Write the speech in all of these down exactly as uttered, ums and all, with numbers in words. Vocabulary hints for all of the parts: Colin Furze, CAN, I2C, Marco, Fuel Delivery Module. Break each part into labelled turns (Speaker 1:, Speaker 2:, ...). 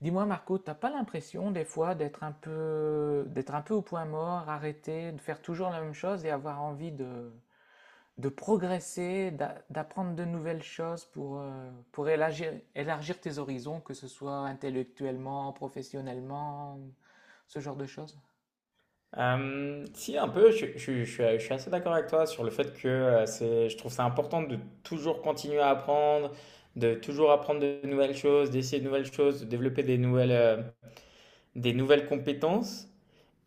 Speaker 1: Dis-moi Marco, t'as pas l'impression des fois d'être un peu d'être un peu au point mort, arrêté, de faire toujours la même chose et avoir envie de, de progresser, d'a- d'apprendre de nouvelles choses pour, euh, pour élargir, élargir tes horizons, que ce soit intellectuellement, professionnellement, ce genre de choses?
Speaker 2: Euh, si, un peu, je, je- je suis je suis assez d'accord avec toi sur le fait que euh, c'est, je trouve ça important de toujours continuer à apprendre, de toujours apprendre de nouvelles choses, d'essayer de nouvelles choses, de développer des nouvelles, euh, des nouvelles compétences.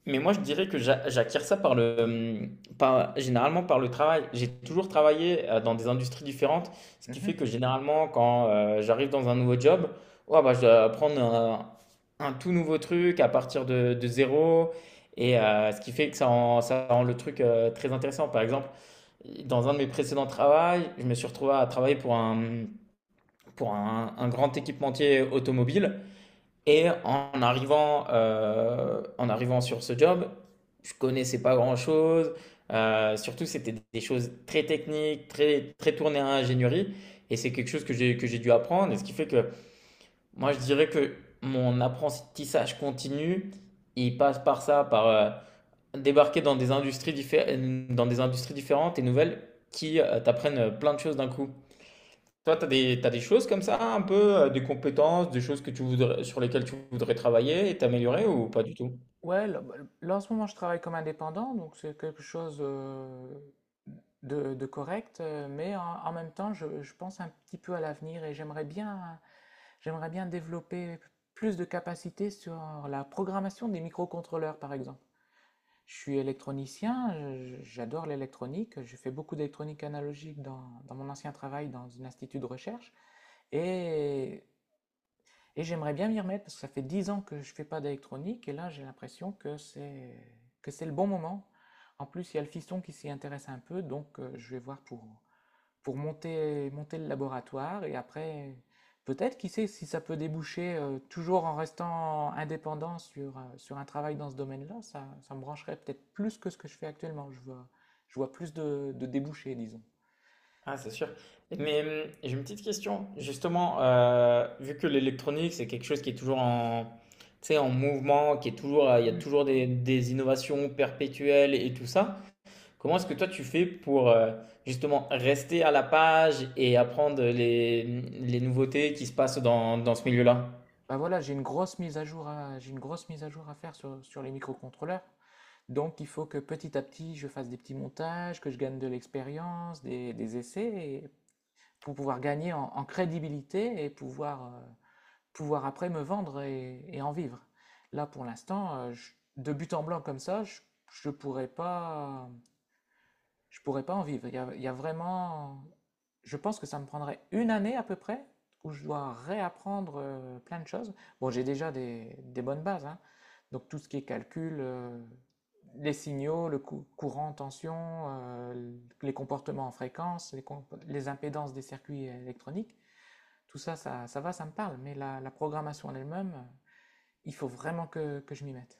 Speaker 2: Mais moi, je dirais que j'a- j'acquiers ça par le, hum, par, généralement par le travail. J'ai toujours travaillé euh, dans des industries différentes, ce qui fait
Speaker 1: Mhm.
Speaker 2: que généralement, quand euh, j'arrive dans un nouveau job, ouais, bah, je dois apprendre un, un tout nouveau truc à partir de, de zéro. Et euh, ce qui fait que ça rend, ça rend le truc euh, très intéressant. Par exemple, dans un de mes précédents travails, je me suis retrouvé à travailler pour un, pour un, un grand équipementier automobile. Et en arrivant, euh, en arrivant sur ce job, je connaissais pas grand-chose. Euh, surtout, c'était des choses très techniques, très, très tournées à ingénierie. Et c'est quelque chose que j'ai, que j'ai dû apprendre. Et ce qui fait que moi, je dirais que mon apprentissage continu, il passe par ça, par euh, débarquer dans des industries diffé- dans des industries différentes et nouvelles qui euh, t'apprennent plein de choses d'un coup. Toi, tu as des, t'as des choses comme ça, un peu, euh, des compétences, des choses que tu voudrais, sur lesquelles tu voudrais travailler et t'améliorer ou pas du tout?
Speaker 1: Ouais, là, bah, là, en ce moment je travaille comme indépendant, donc c'est quelque chose euh, de, de correct, euh, mais en, en même temps je, je pense un petit peu à l'avenir et j'aimerais bien, j'aimerais bien développer plus de capacités sur la programmation des microcontrôleurs par exemple. Je suis électronicien, je- j'adore l'électronique, j'ai fait beaucoup d'électronique analogique dans, dans mon ancien travail dans un institut de recherche et et j'aimerais bien m'y remettre parce que ça fait dix ans que je ne fais pas d'électronique et là j'ai l'impression que c'est que c'est le bon moment. En plus, il y a le fiston qui s'y intéresse un peu, donc euh, je vais voir pour, pour monter, monter le laboratoire et après, peut-être, qui sait si ça peut déboucher, euh, toujours en restant indépendant sur, euh, sur un travail dans ce domaine-là, ça, ça me brancherait peut-être plus que ce que je fais actuellement. Je vois, je vois plus de, de débouchés, disons.
Speaker 2: Ah, c'est sûr. Mais hum, j'ai une petite question. Justement, euh, vu que l'électronique, c'est quelque chose qui est toujours en, tu sais, en mouvement, qui est toujours, euh, il y a toujours des, des innovations perpétuelles et tout ça, comment est-ce que toi tu fais pour euh, justement rester à la page et apprendre les, les nouveautés qui se passent dans, dans ce milieu-là?
Speaker 1: Bah voilà, j'ai une grosse mise à jour à, j'ai une grosse mise à jour à faire sur, sur les microcontrôleurs. Donc il faut que petit à petit, je fasse des petits montages, que je gagne de l'expérience, des, des essais, et- pour pouvoir gagner en, en crédibilité et pouvoir, euh, pouvoir après me vendre et, et en vivre. Là, pour l'instant, euh, de but en blanc comme ça, je ne pourrais pas, je pourrais pas en vivre. Il y a, il y a vraiment... Je pense que ça me prendrait une année à peu près où je dois réapprendre euh, plein de choses. Bon, j'ai déjà des, des bonnes bases, hein. Donc tout ce qui est calcul, euh, les signaux, le cou- courant, tension, euh, les comportements en fréquence, les, com- les impédances des circuits électroniques, tout ça, ça, ça va, ça me parle. Mais la, la programmation en elle-même, euh, il faut vraiment que, que je m'y mette.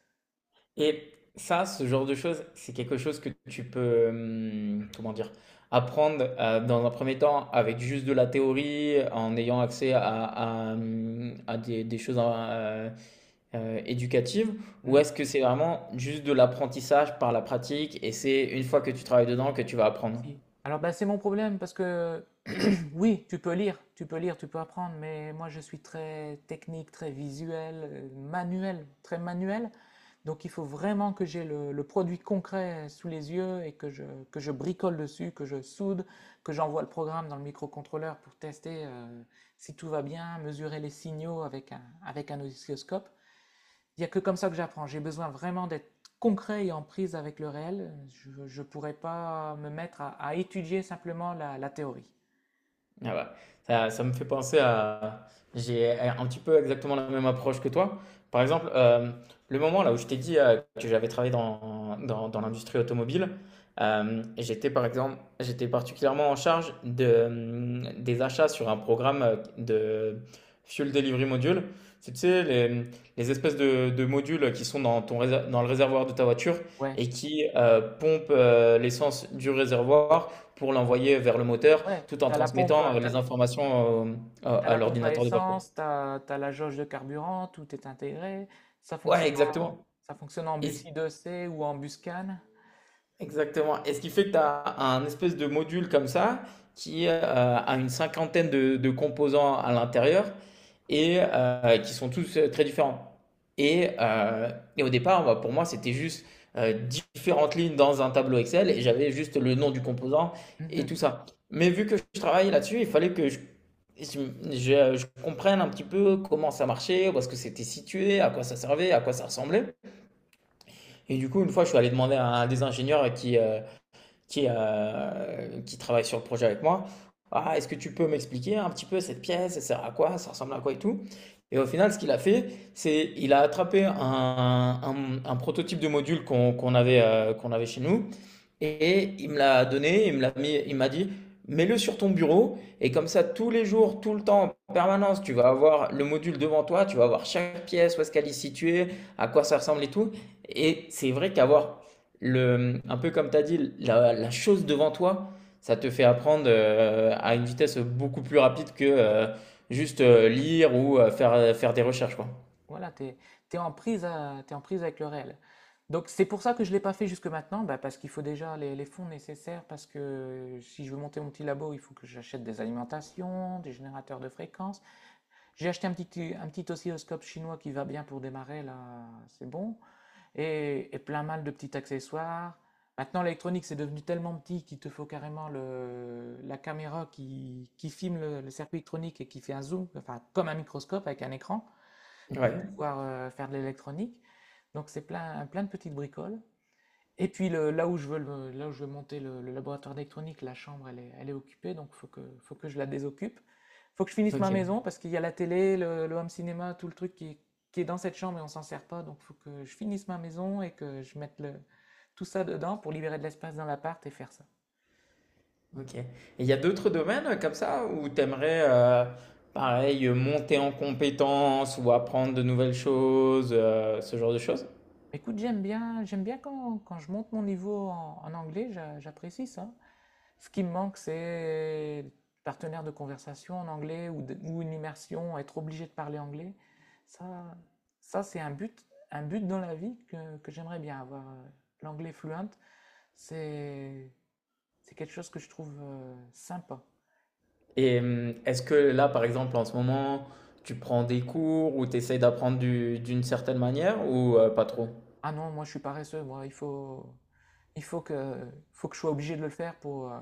Speaker 2: Et ça, ce genre de choses, c'est quelque chose que tu peux, hum, comment dire, apprendre euh, dans un premier temps avec juste de la théorie, en ayant accès à, à, hum, à des, des choses euh, euh, éducative ou
Speaker 1: Hmm.
Speaker 2: est-ce que c'est vraiment juste de l'apprentissage par la pratique et c'est une fois que tu travailles dedans que tu vas apprendre?
Speaker 1: Si. Alors ben, c'est mon problème parce que oui, tu peux lire, tu peux lire, tu peux apprendre, mais moi je suis très technique, très visuel, euh, manuel, très manuel. Donc il faut vraiment que j'ai le, le produit concret sous les yeux et que je, que je bricole dessus, que je soude, que j'envoie le programme dans le microcontrôleur pour tester euh, si tout va bien, mesurer les signaux avec un, avec un oscilloscope. Il n'y a que comme ça que j'apprends. J'ai besoin vraiment d'être concret et en prise avec le réel. Je ne pourrais pas me mettre à, à étudier simplement la la théorie.
Speaker 2: Ah bah, ça, ça me fait penser à... J'ai un petit peu exactement la même approche que toi. Par exemple, euh, le moment là où je t'ai dit euh, que j'avais travaillé dans, dans, dans l'industrie automobile, euh, j'étais par exemple, j'étais particulièrement en charge de, euh, des achats sur un programme euh, de Fuel Delivery Module. C'est, tu sais, les, les espèces de, de modules qui sont dans, ton, réser- dans le réservoir de ta voiture
Speaker 1: Ouais.
Speaker 2: et qui euh, pompent euh, l'essence du réservoir pour l'envoyer vers le moteur
Speaker 1: Ouais,
Speaker 2: tout en
Speaker 1: t'as la pompe, euh,
Speaker 2: transmettant, heu,
Speaker 1: t'as,
Speaker 2: les informations, hem, à
Speaker 1: t'as
Speaker 2: à
Speaker 1: la pompe à
Speaker 2: l'ordinateur de bord, quoi.
Speaker 1: essence, t'as, t'as la jauge de carburant, tout est intégré. Ça
Speaker 2: Ouais,
Speaker 1: fonctionne,
Speaker 2: exactement
Speaker 1: ça fonctionne en
Speaker 2: et
Speaker 1: bus
Speaker 2: c
Speaker 1: I deux C ou en bus CAN.
Speaker 2: Exactement. Et ce qui fait que tu as un espèce de module comme ça qui euh, a une cinquantaine de, de composants à l'intérieur et euh, qui sont tous euh, très différents. Et, euh, et au départ, bah, pour moi, c'était juste euh, différentes lignes dans un tableau Excel et j'avais juste le nom du composant et
Speaker 1: Mhm,
Speaker 2: tout ça. Mais vu que je travaillais là-dessus, il fallait que je, je- je- je comprenne un petit peu comment ça marchait, où est-ce que c'était situé, à quoi ça servait, à quoi ça ressemblait. Et du coup, une fois, je suis allé demander à un des ingénieurs qui, euh, qui, euh, qui travaille sur le projet avec moi. Ah, est-ce que tu peux m'expliquer un petit peu cette pièce, ça sert à quoi, ça ressemble à quoi et tout. Et au final, ce qu'il a fait, c'est il a attrapé un, un- un prototype de module qu'on qu'on
Speaker 1: mhm.
Speaker 2: avait, euh, qu'on avait chez nous. Et il me l'a donné, il me l'a mis, il m'a dit, mets-le sur ton bureau et comme ça tous les jours, tout le temps, en permanence, tu vas avoir le module devant toi, tu vas avoir chaque pièce, où est-ce qu'elle est située, à quoi ça ressemble et tout. Et c'est vrai qu'avoir le, un peu comme tu as dit, la, la chose devant toi, ça te fait apprendre euh, à une vitesse beaucoup plus rapide que euh, juste euh, lire ou euh, faire, faire des recherches, quoi.
Speaker 1: Voilà, t'es, t'es en prise à- t'es en prise avec le réel. Donc c'est pour ça que je ne l'ai pas fait jusque maintenant, bah, parce qu'il faut déjà les, les fonds nécessaires, parce que si je veux monter mon petit labo, il faut que j'achète des alimentations, des générateurs de fréquences. J'ai acheté un petit, un petit oscilloscope chinois qui va bien pour démarrer, là, c'est bon. Et, et plein mal de petits accessoires. Maintenant, l'électronique, c'est devenu tellement petit qu'il te faut carrément le, la caméra qui, qui filme le, le circuit électronique et qui fait un zoom, enfin, comme un microscope avec un écran, pour
Speaker 2: Ouais.
Speaker 1: pouvoir euh, faire de l'électronique. Donc, c'est plein, plein de petites bricoles. Et puis le- là où je veux le- là où je veux monter le, le laboratoire d'électronique, la chambre elle est, elle est occupée, donc faut que, faut que je la désoccupe. Faut que je finisse ma
Speaker 2: Ok.
Speaker 1: maison parce qu'il y a la télé, le, le home cinéma, tout le truc qui, est- qui est dans cette chambre et on s'en sert pas, donc faut que je finisse ma maison et que je mette le, tout ça dedans pour libérer de l'espace dans l'appart et faire ça.
Speaker 2: Ok. Et il y a d'autres domaines euh, comme ça où tu aimerais, pareil, euh, monter en compétences ou apprendre de nouvelles choses, euh, ce genre de choses?
Speaker 1: Écoute, j'aime bien, j'aime bien quand, quand je monte mon niveau en, en anglais, j'a- j'apprécie ça. Ce qui me manque, c'est partenaires de conversation en anglais ou, de- ou une immersion, être obligé de parler anglais. Ça, ça c'est un but, un but dans la vie que, que j'aimerais bien avoir. L'anglais fluent, c'est c'est quelque chose que je trouve euh, sympa.
Speaker 2: Et hum, est-ce que là, par exemple, en ce moment, tu prends des cours ou tu essaies d'apprendre du- d'une certaine manière ou euh, pas trop?
Speaker 1: Ah non, moi je suis paresseux, moi, il faut, il faut que, faut que je sois obligé de le faire pour, euh,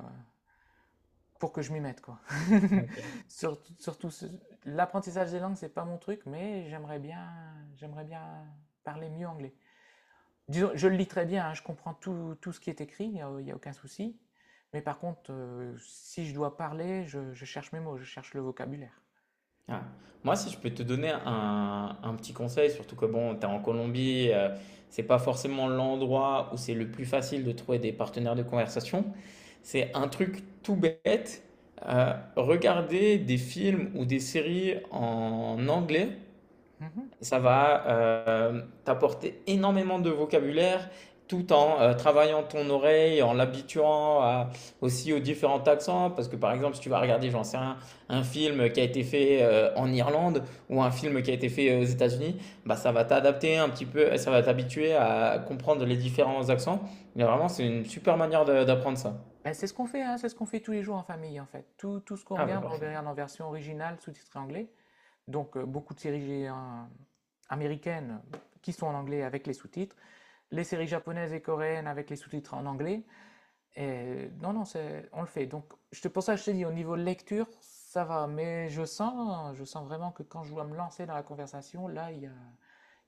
Speaker 1: pour que je m'y mette, quoi.
Speaker 2: Ok.
Speaker 1: Surtout, surtout l'apprentissage des langues, c'est pas mon truc, mais j'aimerais bien, j'aimerais bien parler mieux anglais. Disons, je le lis très bien, hein, je comprends tout, tout ce qui est écrit, il n'y a, y a aucun souci. Mais par contre, euh, si je dois parler, je, je cherche mes mots, je cherche le vocabulaire.
Speaker 2: Ah. Moi, si je peux te donner un, un petit conseil, surtout que bon, tu es en Colombie, euh, c'est pas forcément l'endroit où c'est le plus facile de trouver des partenaires de conversation. C'est un truc tout bête. Euh, regarder des films ou des séries en anglais,
Speaker 1: Mhm.
Speaker 2: ça va euh, t'apporter énormément de vocabulaire tout en euh, travaillant ton oreille, en l'habituant à- aussi aux différents accents. Parce que par exemple, si tu vas regarder, j'en sais rien, un film qui a été fait euh, en Irlande ou un film qui a été fait euh, aux États-Unis, bah, ça va t'adapter un petit peu, ça va t'habituer à comprendre les différents accents. Mais vraiment, c'est une super manière de- d'apprendre ça.
Speaker 1: Ben, c'est ce qu'on fait, hein, c'est ce qu'on fait tous les jours en famille, en fait. Tout, tout ce qu'on
Speaker 2: Ah bah
Speaker 1: regarde, on le
Speaker 2: parfait.
Speaker 1: regarde en version originale, sous-titrée anglais. Donc, euh, beaucoup de séries hein, américaines qui sont en anglais avec les sous-titres, les séries japonaises et coréennes avec les sous-titres en anglais, et non, non, c'est, on le fait. Donc, je te, pour ça, je te dis, au niveau lecture, ça va. Mais je sens, je sens vraiment que quand je dois me lancer dans la conversation, là, il y a,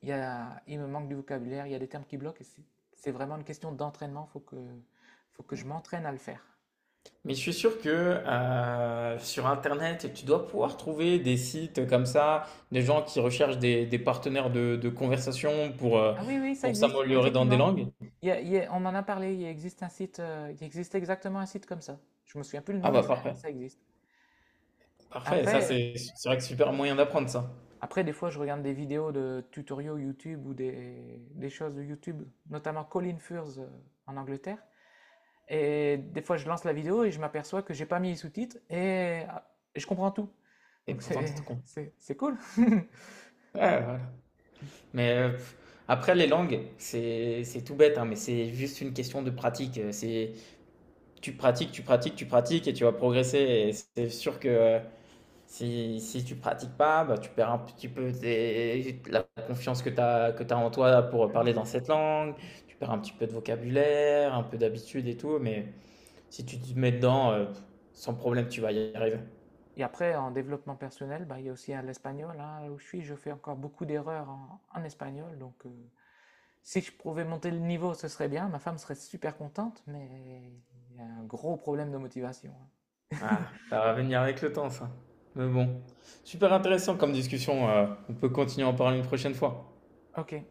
Speaker 1: il y a, il me manque du vocabulaire, il y a des termes qui bloquent. Et c'est, c'est vraiment une question d'entraînement. Il faut que, faut que je m'entraîne à le faire.
Speaker 2: Mais je suis sûr que euh, sur Internet, tu dois pouvoir trouver des sites comme ça, des gens qui recherchent des, des partenaires de, de conversation pour, euh,
Speaker 1: Ah oui, oui, ça
Speaker 2: pour
Speaker 1: existe,
Speaker 2: s'améliorer dans des
Speaker 1: effectivement.
Speaker 2: langues.
Speaker 1: Il y a- il y a- on en a parlé. Il existe un site, euh, il existe exactement un site comme ça. Je me souviens plus le nom,
Speaker 2: Ah
Speaker 1: mais
Speaker 2: bah
Speaker 1: ça,
Speaker 2: parfait,
Speaker 1: ça existe.
Speaker 2: parfait. Ça,
Speaker 1: Après,
Speaker 2: c'est c'est vrai que super moyen d'apprendre ça.
Speaker 1: après, des fois, je regarde des vidéos de tutoriaux YouTube ou des, des choses de YouTube, notamment Colin Furze euh, en Angleterre. Et des fois, je lance la vidéo et je m'aperçois que j'ai pas mis les sous-titres et, ah, et je comprends tout.
Speaker 2: Et
Speaker 1: Donc,
Speaker 2: pourtant,
Speaker 1: c'est,
Speaker 2: t'es tout con.
Speaker 1: c'est, c'est cool.
Speaker 2: Ouais, voilà. Mais euh, pff, après, les langues, c'est c'est tout bête, hein, mais c'est juste une question de pratique. Euh, C'est tu pratiques, tu pratiques, tu pratiques et tu vas progresser. Et c'est sûr que euh, si, si tu pratiques pas, bah, tu perds un petit peu tes- la confiance que tu as, que tu en toi pour parler dans cette langue, tu perds un petit peu de vocabulaire, un peu d'habitude et tout, mais si tu te mets dedans, euh, sans problème, tu vas y arriver.
Speaker 1: Et après, en développement personnel, bah, il y a aussi hein, l'espagnol. Hein. Là où je suis, je fais encore beaucoup d'erreurs en, en espagnol. Donc, euh, si je pouvais monter le niveau, ce serait bien. Ma femme serait super contente, mais il y a un gros problème de motivation. Hein.
Speaker 2: Ah, ça va venir avec le temps, ça. Mais bon, super intéressant comme discussion, euh, on peut continuer à en parler une prochaine fois.
Speaker 1: Ok.